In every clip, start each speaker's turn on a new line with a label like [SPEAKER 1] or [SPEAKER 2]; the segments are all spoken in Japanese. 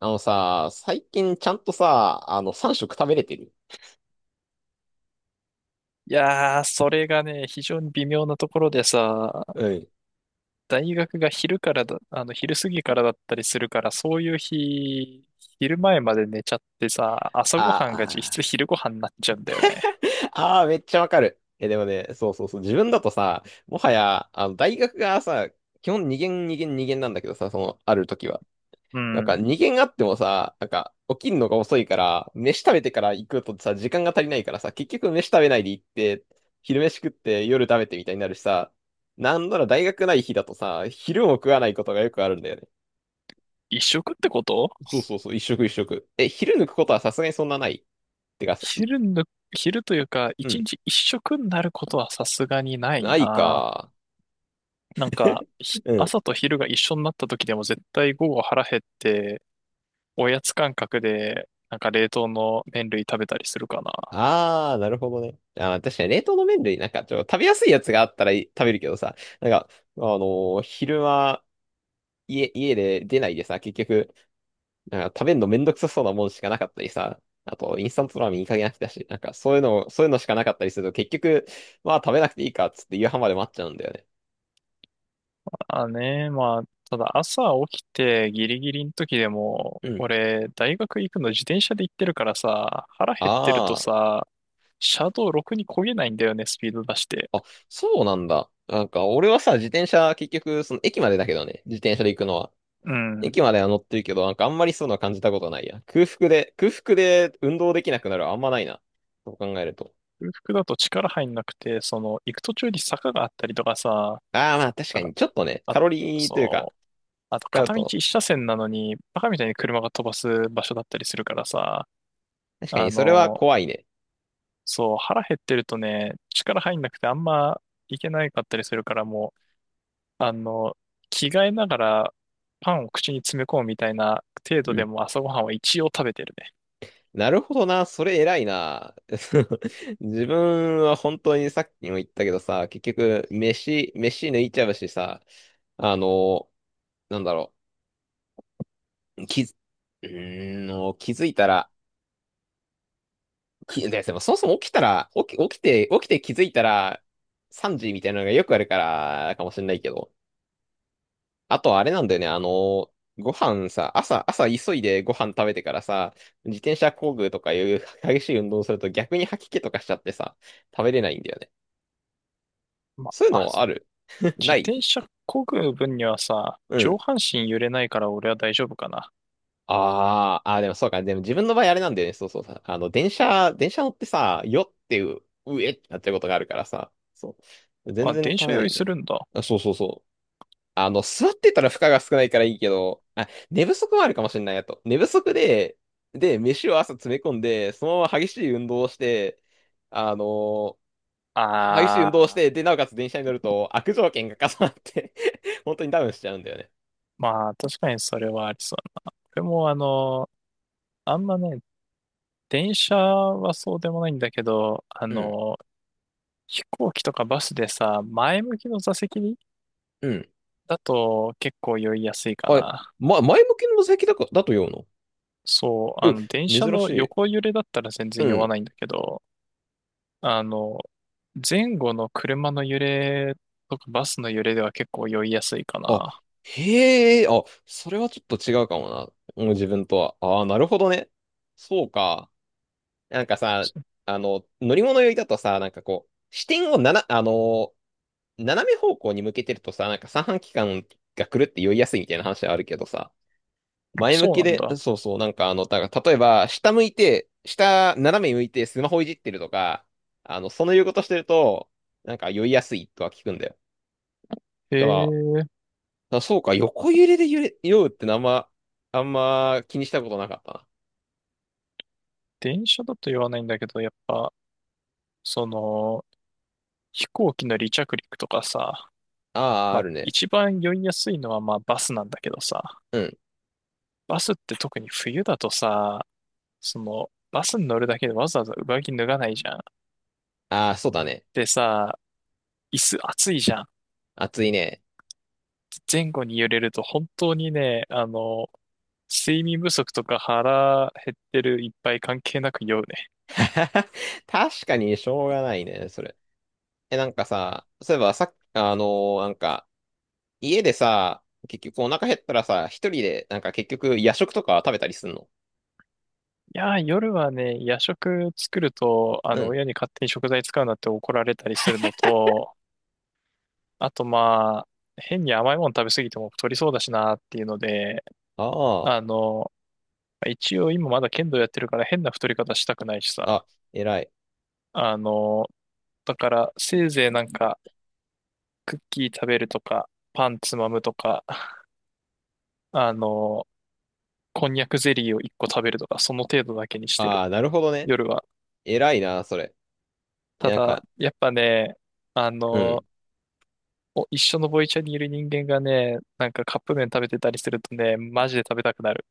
[SPEAKER 1] あのさ、最近ちゃんとさ、3食食べれてる？
[SPEAKER 2] いやー、それがね、非常に微妙なところでさ、
[SPEAKER 1] うん。
[SPEAKER 2] 大学が昼からだ、昼過ぎからだったりするから、そういう日、昼前まで寝ちゃってさ、朝ごはんが実
[SPEAKER 1] あ
[SPEAKER 2] 質
[SPEAKER 1] ー
[SPEAKER 2] 昼ごはんになっちゃうんだよ
[SPEAKER 1] あ
[SPEAKER 2] ね。
[SPEAKER 1] ー、ああ、めっちゃわかる。え、でもね、そうそうそう、自分だとさ、もはや、大学がさ、基本2限2限2限なんだけどさ、その、ある時は。
[SPEAKER 2] う
[SPEAKER 1] なんか
[SPEAKER 2] ん。
[SPEAKER 1] 2限あってもさ、なんか、起きるのが遅いから、飯食べてから行くとさ、時間が足りないからさ、結局飯食べないで行って、昼飯食って夜食べてみたいになるしさ、なんなら大学ない日だとさ、昼も食わないことがよくあるんだよね。
[SPEAKER 2] 一食ってこと？
[SPEAKER 1] そうそうそう、一食一食。え、昼抜くことはさすがにそんなない。てか、
[SPEAKER 2] 昼の、昼というか、
[SPEAKER 1] う
[SPEAKER 2] 一
[SPEAKER 1] ん。
[SPEAKER 2] 日一食になることはさすがにない
[SPEAKER 1] ない
[SPEAKER 2] な。
[SPEAKER 1] か。
[SPEAKER 2] なんか、
[SPEAKER 1] うん。
[SPEAKER 2] 朝と昼が一緒になった時でも絶対午後腹減って、おやつ感覚で、なんか冷凍の麺類食べたりするかな。
[SPEAKER 1] あー、なるほどね。あー、確かに冷凍の麺類、なんか食べやすいやつがあったらい食べるけどさ、なんか、あの昼間、家で出ないでさ、結局、なんか食べるのめんどくさそうなもんしかなかったりさ、あと、インスタントラーメンいい加減飽きたし、なんかそういうのしかなかったりすると、結局、まあ食べなくていいかっつって夕飯まで待っちゃうんだよね。
[SPEAKER 2] あね、まあ、ただ朝起きてギリギリの時でも、
[SPEAKER 1] うん。
[SPEAKER 2] 俺、大学行くの自転車で行ってるからさ、腹減ってると
[SPEAKER 1] あ
[SPEAKER 2] さ、車道ろくに漕げないんだよね、スピード出して。
[SPEAKER 1] あ、そうなんだ。なんか、俺はさ、自転車、結局、駅までだけどね、自転車で行くのは。
[SPEAKER 2] うん。
[SPEAKER 1] 駅までは乗ってるけど、なんか、あんまりそういうのは感じたことないや。空腹で運動できなくなるはあんまないな。そう考えると。
[SPEAKER 2] 空腹だと力入んなくて、その、行く途中に坂があったりとかさ、
[SPEAKER 1] ああ、まあ、確
[SPEAKER 2] な
[SPEAKER 1] か
[SPEAKER 2] んか、
[SPEAKER 1] に、ちょっとね、
[SPEAKER 2] あ、
[SPEAKER 1] カロリーというか、
[SPEAKER 2] そう、あと
[SPEAKER 1] 使う
[SPEAKER 2] 片道
[SPEAKER 1] と、
[SPEAKER 2] 一車線なのに、バカみたいに車が飛ばす場所だったりするからさ、
[SPEAKER 1] 確か
[SPEAKER 2] あ
[SPEAKER 1] に、それは
[SPEAKER 2] の、
[SPEAKER 1] 怖いね。
[SPEAKER 2] そう、腹減ってるとね、力入んなくてあんま行けないかったりするからもう、あの、着替えながらパンを口に詰め込むみたいな程度
[SPEAKER 1] う
[SPEAKER 2] で
[SPEAKER 1] ん。
[SPEAKER 2] も朝ごはんは一応食べてるね。
[SPEAKER 1] なるほどな、それ偉いな。自分は本当にさっきも言ったけどさ、結局、飯抜いちゃうしさ、あの、なんだろう。き、うーん、もう気づいたら、でもそもそも起きたら、起きて気づいたら、3時みたいなのがよくあるから、かもしれないけど。あとあれなんだよね、ご飯さ、朝急いでご飯食べてからさ、自転車工具とかいう激しい運動をすると逆に吐き気とかしちゃってさ、食べれないんだよね。
[SPEAKER 2] ま
[SPEAKER 1] そういう
[SPEAKER 2] あ、あ
[SPEAKER 1] のある？
[SPEAKER 2] 自
[SPEAKER 1] ない。
[SPEAKER 2] 転車漕ぐ分にはさ、
[SPEAKER 1] う
[SPEAKER 2] 上
[SPEAKER 1] ん。
[SPEAKER 2] 半身揺れないから俺は大丈夫かな。
[SPEAKER 1] あーあー、でもそうか。でも自分の場合あれなんだよね。そうそうさ。電車乗ってさ、よっていう、うえってなっちゃうことがあるからさ。そう。全
[SPEAKER 2] あ、
[SPEAKER 1] 然
[SPEAKER 2] 電
[SPEAKER 1] 食
[SPEAKER 2] 車
[SPEAKER 1] べな
[SPEAKER 2] 用
[SPEAKER 1] い
[SPEAKER 2] 意
[SPEAKER 1] んだ
[SPEAKER 2] す
[SPEAKER 1] よ。
[SPEAKER 2] るんだ。
[SPEAKER 1] あ、そうそうそう。座ってたら負荷が少ないからいいけど、あ、寝不足もあるかもしれないやと。寝不足で、飯を朝詰め込んで、そのまま激しい運動をして、あのー
[SPEAKER 2] あ
[SPEAKER 1] で、
[SPEAKER 2] ー、
[SPEAKER 1] なおかつ電車に乗ると悪条件が重なって 本当にダウンしちゃうんだよね。
[SPEAKER 2] まあ確かにそれはありそう。でもあの、あんまね、電車はそうでもないんだけど、
[SPEAKER 1] うん、
[SPEAKER 2] 飛行機とかバスでさ、前向きの座席に
[SPEAKER 1] うん。
[SPEAKER 2] だと結構酔いやすいか
[SPEAKER 1] あれ、
[SPEAKER 2] な。
[SPEAKER 1] ま、前向きの座席だか、だと言うの
[SPEAKER 2] そう、あの、電
[SPEAKER 1] う、
[SPEAKER 2] 車
[SPEAKER 1] 珍し
[SPEAKER 2] の
[SPEAKER 1] い。
[SPEAKER 2] 横揺れだったら全然
[SPEAKER 1] う
[SPEAKER 2] 酔わ
[SPEAKER 1] ん。
[SPEAKER 2] ないんだけど、あの、前後の車の揺れとかバスの揺れでは結構酔いやすいか
[SPEAKER 1] あ、
[SPEAKER 2] な。
[SPEAKER 1] へえ、あ、それはちょっと違うかもな。もう自分とは。ああ、なるほどね。そうか。なんかさ、
[SPEAKER 2] そ
[SPEAKER 1] 乗り物酔いだとさ、なんかこう、視点を斜め方向に向けてるとさ、なんか三半規管が狂って酔いやすいみたいな話はあるけどさ、
[SPEAKER 2] あ
[SPEAKER 1] 前向
[SPEAKER 2] そう
[SPEAKER 1] き
[SPEAKER 2] なん
[SPEAKER 1] で、
[SPEAKER 2] だ。
[SPEAKER 1] そうそう、なんかだから例えば、下向いて、斜め向いてスマホいじってるとか、その言うことしてると、なんか酔いやすいとは聞くんだよ。
[SPEAKER 2] へ
[SPEAKER 1] だから。
[SPEAKER 2] え、
[SPEAKER 1] あ、そうか、横揺れで酔うってあんま気にしたことなかったな。
[SPEAKER 2] 電車だと酔わないんだけど、やっぱ、その、飛行機の離着陸とかさ、
[SPEAKER 1] ああ、
[SPEAKER 2] ま
[SPEAKER 1] あ
[SPEAKER 2] あ、
[SPEAKER 1] るね。
[SPEAKER 2] 一番酔いやすいのはまあバスなんだけどさ、
[SPEAKER 1] うん。
[SPEAKER 2] バスって特に冬だとさ、その、バスに乗るだけでわざわざ上着脱がないじゃん。
[SPEAKER 1] ああ、そうだね。
[SPEAKER 2] でさ、椅子暑いじゃん。
[SPEAKER 1] 暑いね。
[SPEAKER 2] 前後に揺れると本当にね、睡眠不足とか腹減ってるいっぱい関係なく酔うね。
[SPEAKER 1] 確かにしょうがないね、それ。え、なんかさ、そういえばさっき、なんか、家でさ、結局お腹減ったらさ、一人で、なんか結局夜食とか食べたりすんの？
[SPEAKER 2] いやー、夜はね、夜食作ると、あ
[SPEAKER 1] う
[SPEAKER 2] の、
[SPEAKER 1] ん。
[SPEAKER 2] 親に勝手に食材使うなって怒られたりするのと、あとまあ、変に甘いもの食べ過ぎても太りそうだしなっていうので、
[SPEAKER 1] あ
[SPEAKER 2] あの、一応今まだ剣道やってるから変な太り方したくないしさ。
[SPEAKER 1] あ、あ、偉い。
[SPEAKER 2] あの、だからせいぜいなんかクッキー食べるとか、パンつまむとか、あの、こんにゃくゼリーを1個食べるとか、その程度だけにしてる。
[SPEAKER 1] ああ、なるほどね。
[SPEAKER 2] 夜は。
[SPEAKER 1] 偉いな、それ。え、
[SPEAKER 2] た
[SPEAKER 1] なん
[SPEAKER 2] だ、
[SPEAKER 1] か、
[SPEAKER 2] やっぱね、あ
[SPEAKER 1] うん。
[SPEAKER 2] の、お一緒のボイチャにいる人間がね、なんかカップ麺食べてたりするとね、マジで食べたくなる。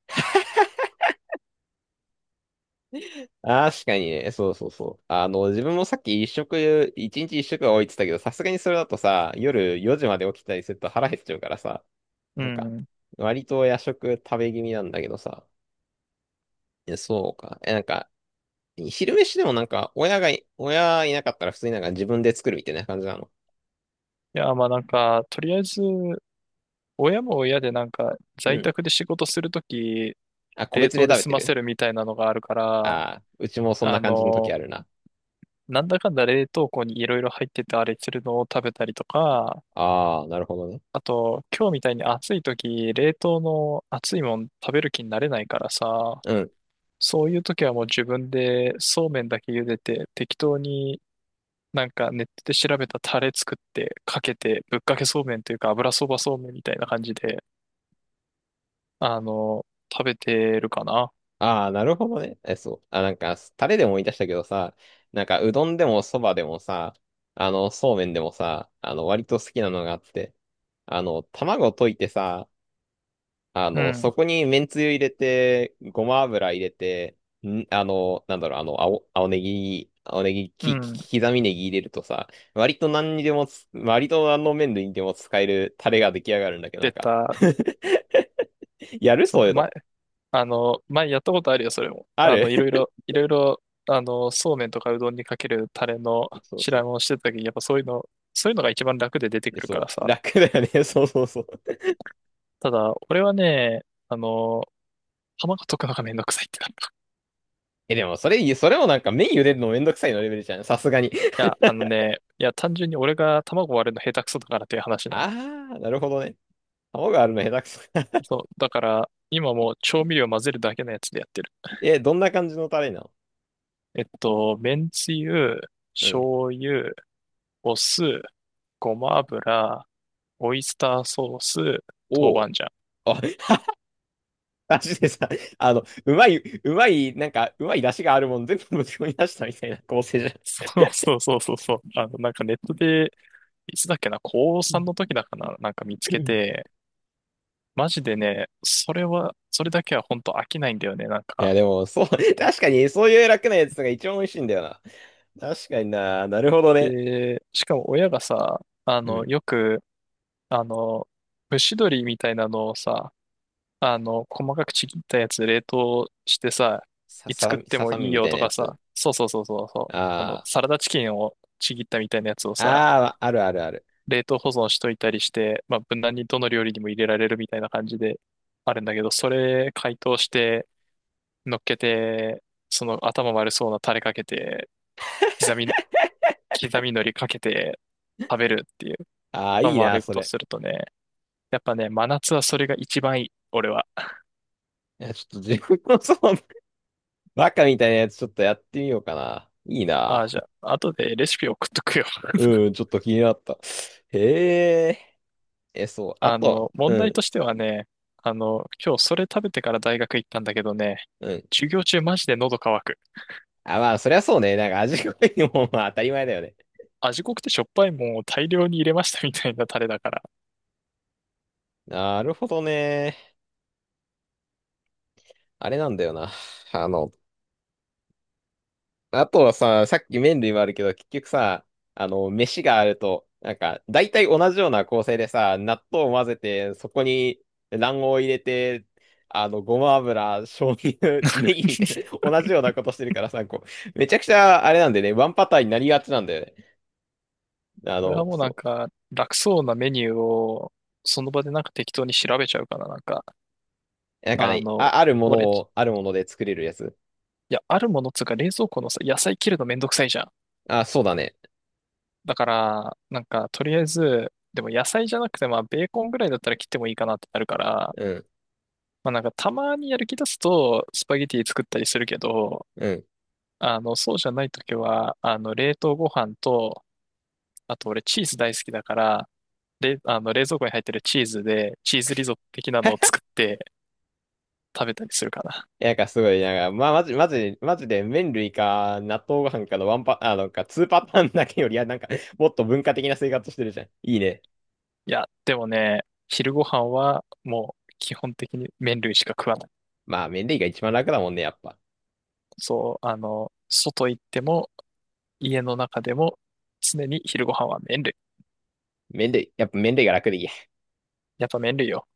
[SPEAKER 1] 確かにね、そうそうそう。自分もさっき一日一食は多いって言ったけど、さすがにそれだとさ、夜4時まで起きたりすると腹減っちゃうからさ、
[SPEAKER 2] う
[SPEAKER 1] なんか、
[SPEAKER 2] ん。い
[SPEAKER 1] 割と夜食食べ気味なんだけどさ、え、そうか。え、なんか、昼飯でもなんか、親いなかったら普通になんか自分で作るみたいな感じなの。
[SPEAKER 2] や、まあなんか、とりあえず、親も親でなんか、
[SPEAKER 1] う
[SPEAKER 2] 在
[SPEAKER 1] ん。
[SPEAKER 2] 宅で仕事するとき、
[SPEAKER 1] あ、個
[SPEAKER 2] 冷
[SPEAKER 1] 別で
[SPEAKER 2] 凍で
[SPEAKER 1] 食べ
[SPEAKER 2] 済
[SPEAKER 1] て
[SPEAKER 2] ませ
[SPEAKER 1] る？
[SPEAKER 2] るみたいなのがあるから、
[SPEAKER 1] ああー、うちもそんな
[SPEAKER 2] あ
[SPEAKER 1] 感じの時
[SPEAKER 2] の
[SPEAKER 1] あるな。
[SPEAKER 2] なんだかんだ冷凍庫にいろいろ入っててあれするのを食べたりとか、
[SPEAKER 1] ああ、なるほどね。
[SPEAKER 2] あと、今日みたいに暑い時、冷凍の熱いもん食べる気になれないからさ、
[SPEAKER 1] うん。
[SPEAKER 2] そういう時はもう自分でそうめんだけ茹でて、適当になんかネットで調べたタレ作ってかけて、ぶっかけそうめんというか油そばそうめんみたいな感じで、あの、食べてるかな。
[SPEAKER 1] ああ、なるほどね。え、そう。あ、なんか、タレでも思い出したけどさ、なんか、うどんでもそばでもさ、そうめんでもさ、割と好きなのがあって、卵溶いてさ、
[SPEAKER 2] うん、
[SPEAKER 1] そこにめんつゆ入れて、ごま油入れて、なんだろう、青ネギ、
[SPEAKER 2] うん。
[SPEAKER 1] 刻みネギ入れるとさ、割と何の麺類にでも使えるタレが出来上がるんだけど、な
[SPEAKER 2] 出
[SPEAKER 1] んか
[SPEAKER 2] た、
[SPEAKER 1] やる
[SPEAKER 2] そ
[SPEAKER 1] そ
[SPEAKER 2] う、
[SPEAKER 1] ういうの？
[SPEAKER 2] 前前やったことあるよ、それも。
[SPEAKER 1] あ
[SPEAKER 2] あの、いろ
[SPEAKER 1] る。
[SPEAKER 2] いろ、いろいろ、そうめんとかうどんにかけるタレの
[SPEAKER 1] そう
[SPEAKER 2] 調
[SPEAKER 1] そ
[SPEAKER 2] べ
[SPEAKER 1] う。
[SPEAKER 2] をしてた時、やっぱそういうのが一番楽で出て
[SPEAKER 1] え
[SPEAKER 2] くるか
[SPEAKER 1] そう、
[SPEAKER 2] らさ。
[SPEAKER 1] 楽だよね。そうそうそう。
[SPEAKER 2] ただ、俺はね、あの、卵溶くのがめんどくさいってなる。
[SPEAKER 1] え、でもそれもなんか麺茹でるのめんどくさいのレベルじゃん。さすがに。
[SPEAKER 2] い や、あのね、いや、単純に俺が卵割るの下手くそだからっていう話なの。
[SPEAKER 1] あー、なるほどね。卵あるの下手くそ。
[SPEAKER 2] そう、だから、今もう調味料混ぜるだけのやつでやってる。
[SPEAKER 1] え、どんな感じのタレなの？
[SPEAKER 2] えっと、めんつゆ、
[SPEAKER 1] うん。
[SPEAKER 2] 醤油、お酢、ごま油、オイスターソース、豆
[SPEAKER 1] お
[SPEAKER 2] 板
[SPEAKER 1] お。
[SPEAKER 2] 醤。
[SPEAKER 1] あ、マジでさ、うまい、うまい、なんか、うまい出汁があるもん全部ぶち込み出したみたいな構成じゃん。
[SPEAKER 2] そうそうそうそうそう。あの、なんかネットで、いつだっけな、高
[SPEAKER 1] う
[SPEAKER 2] さ
[SPEAKER 1] ん。
[SPEAKER 2] んの時だかな、なんか見つけ て、マジでね、それは、それだけは本当飽きないんだよね、なん
[SPEAKER 1] いや、
[SPEAKER 2] か。
[SPEAKER 1] でも、そう、確かに、そういう楽なやつが一番美味しいんだよな。確かにな、なるほどね。
[SPEAKER 2] で、しかも親がさ、あ
[SPEAKER 1] う
[SPEAKER 2] の、
[SPEAKER 1] ん。
[SPEAKER 2] よく、あの、蒸し鶏みたいなのをさ、細かくちぎったやつ冷凍してさ、
[SPEAKER 1] さ
[SPEAKER 2] いつ食
[SPEAKER 1] さ
[SPEAKER 2] っ
[SPEAKER 1] み、
[SPEAKER 2] て
[SPEAKER 1] さ
[SPEAKER 2] も
[SPEAKER 1] さ
[SPEAKER 2] い
[SPEAKER 1] み
[SPEAKER 2] い
[SPEAKER 1] み
[SPEAKER 2] よ
[SPEAKER 1] たいな
[SPEAKER 2] と
[SPEAKER 1] や
[SPEAKER 2] か
[SPEAKER 1] つ。
[SPEAKER 2] さ、そうそうそうそうそう、
[SPEAKER 1] あ
[SPEAKER 2] サラダチキンをちぎったみたいなやつをさ、
[SPEAKER 1] あ、ああ、あるあるある。
[SPEAKER 2] 冷凍保存しといたりして、まあ、無難にどの料理にも入れられるみたいな感じであるんだけど、それ解凍して乗っけて、その頭悪そうなタレかけて、刻み、刻み海苔かけて食べるっていう、
[SPEAKER 1] ああ、いい
[SPEAKER 2] 頭
[SPEAKER 1] な、
[SPEAKER 2] 悪いこ
[SPEAKER 1] そ
[SPEAKER 2] と
[SPEAKER 1] れ。
[SPEAKER 2] するとね、やっぱね、真夏はそれが一番いい、俺は。
[SPEAKER 1] いや、ちょっと自分の バカみたいなやつちょっとやってみようかな。いい
[SPEAKER 2] ああ、
[SPEAKER 1] な。
[SPEAKER 2] じゃあ、後でレシピ送っとくよ。
[SPEAKER 1] うん、ちょっと気になった。へえ。え、そう。あ
[SPEAKER 2] あ
[SPEAKER 1] と、
[SPEAKER 2] の、問
[SPEAKER 1] う
[SPEAKER 2] 題と
[SPEAKER 1] ん、
[SPEAKER 2] してはね、あの、今日それ食べてから大学行ったんだけどね、
[SPEAKER 1] うん。
[SPEAKER 2] 授業中マジで喉乾く。
[SPEAKER 1] あ、まあ、そりゃそうね。なんか味濃いのも、まあ、当たり前だよね。
[SPEAKER 2] 味濃くてしょっぱいもんを大量に入れましたみたいなタレだから。
[SPEAKER 1] なるほどね。あれなんだよな。あの、あとはさ、さっき麺類もあるけど、結局さ、飯があると、なんか、大体同じような構成でさ、納豆を混ぜて、そこに卵黄を入れて、ごま油、醤油、ネギみたい な、同じようなことしてるからさ、こう、めちゃくちゃ、あれなんでね、ワンパターンになりがちなんだよね。
[SPEAKER 2] これはもうなん
[SPEAKER 1] そ
[SPEAKER 2] か、楽そうなメニューを、その場でなんか適当に調べちゃうかな、なんか。
[SPEAKER 1] う。なんか
[SPEAKER 2] あ
[SPEAKER 1] ね、
[SPEAKER 2] の、
[SPEAKER 1] あ、あるもの
[SPEAKER 2] 俺、
[SPEAKER 1] を、あるもので作れるやつ。
[SPEAKER 2] いや、あるものっつうか冷蔵庫のさ、野菜切るのめんどくさいじゃん。
[SPEAKER 1] あ、そうだね。
[SPEAKER 2] だから、なんか、とりあえず、でも野菜じゃなくて、まあ、ベーコンぐらいだったら切ってもいいかなってなるから、
[SPEAKER 1] うん。
[SPEAKER 2] まあ、なんか、たまにやる気出すと、スパゲティ作ったりするけど、
[SPEAKER 1] うん。
[SPEAKER 2] あの、そうじゃないときは、あの、冷凍ご飯と、あと俺チーズ大好きだから、れ、あの、冷蔵庫に入ってるチーズで、チーズリゾット的なのを作って食べたりするかな。
[SPEAKER 1] いや、なんかすごい、なんか、まあ、マジ、マジ、マジで麺類か納豆ご飯かのワンパ、あ、なんか2パターンだけより、いや、なんか、もっと文化的な生活してるじゃん。いいね。
[SPEAKER 2] いや、でもね、昼ご飯は、もう、基本的に麺類しか食わない。
[SPEAKER 1] まあ、麺類が一番楽だもんね、やっぱ。
[SPEAKER 2] そう、あの、外行っても、家の中でも常に昼ご飯は麺類。
[SPEAKER 1] 麺類、やっぱ麺類が楽でいいや。
[SPEAKER 2] やっぱ麺類よ。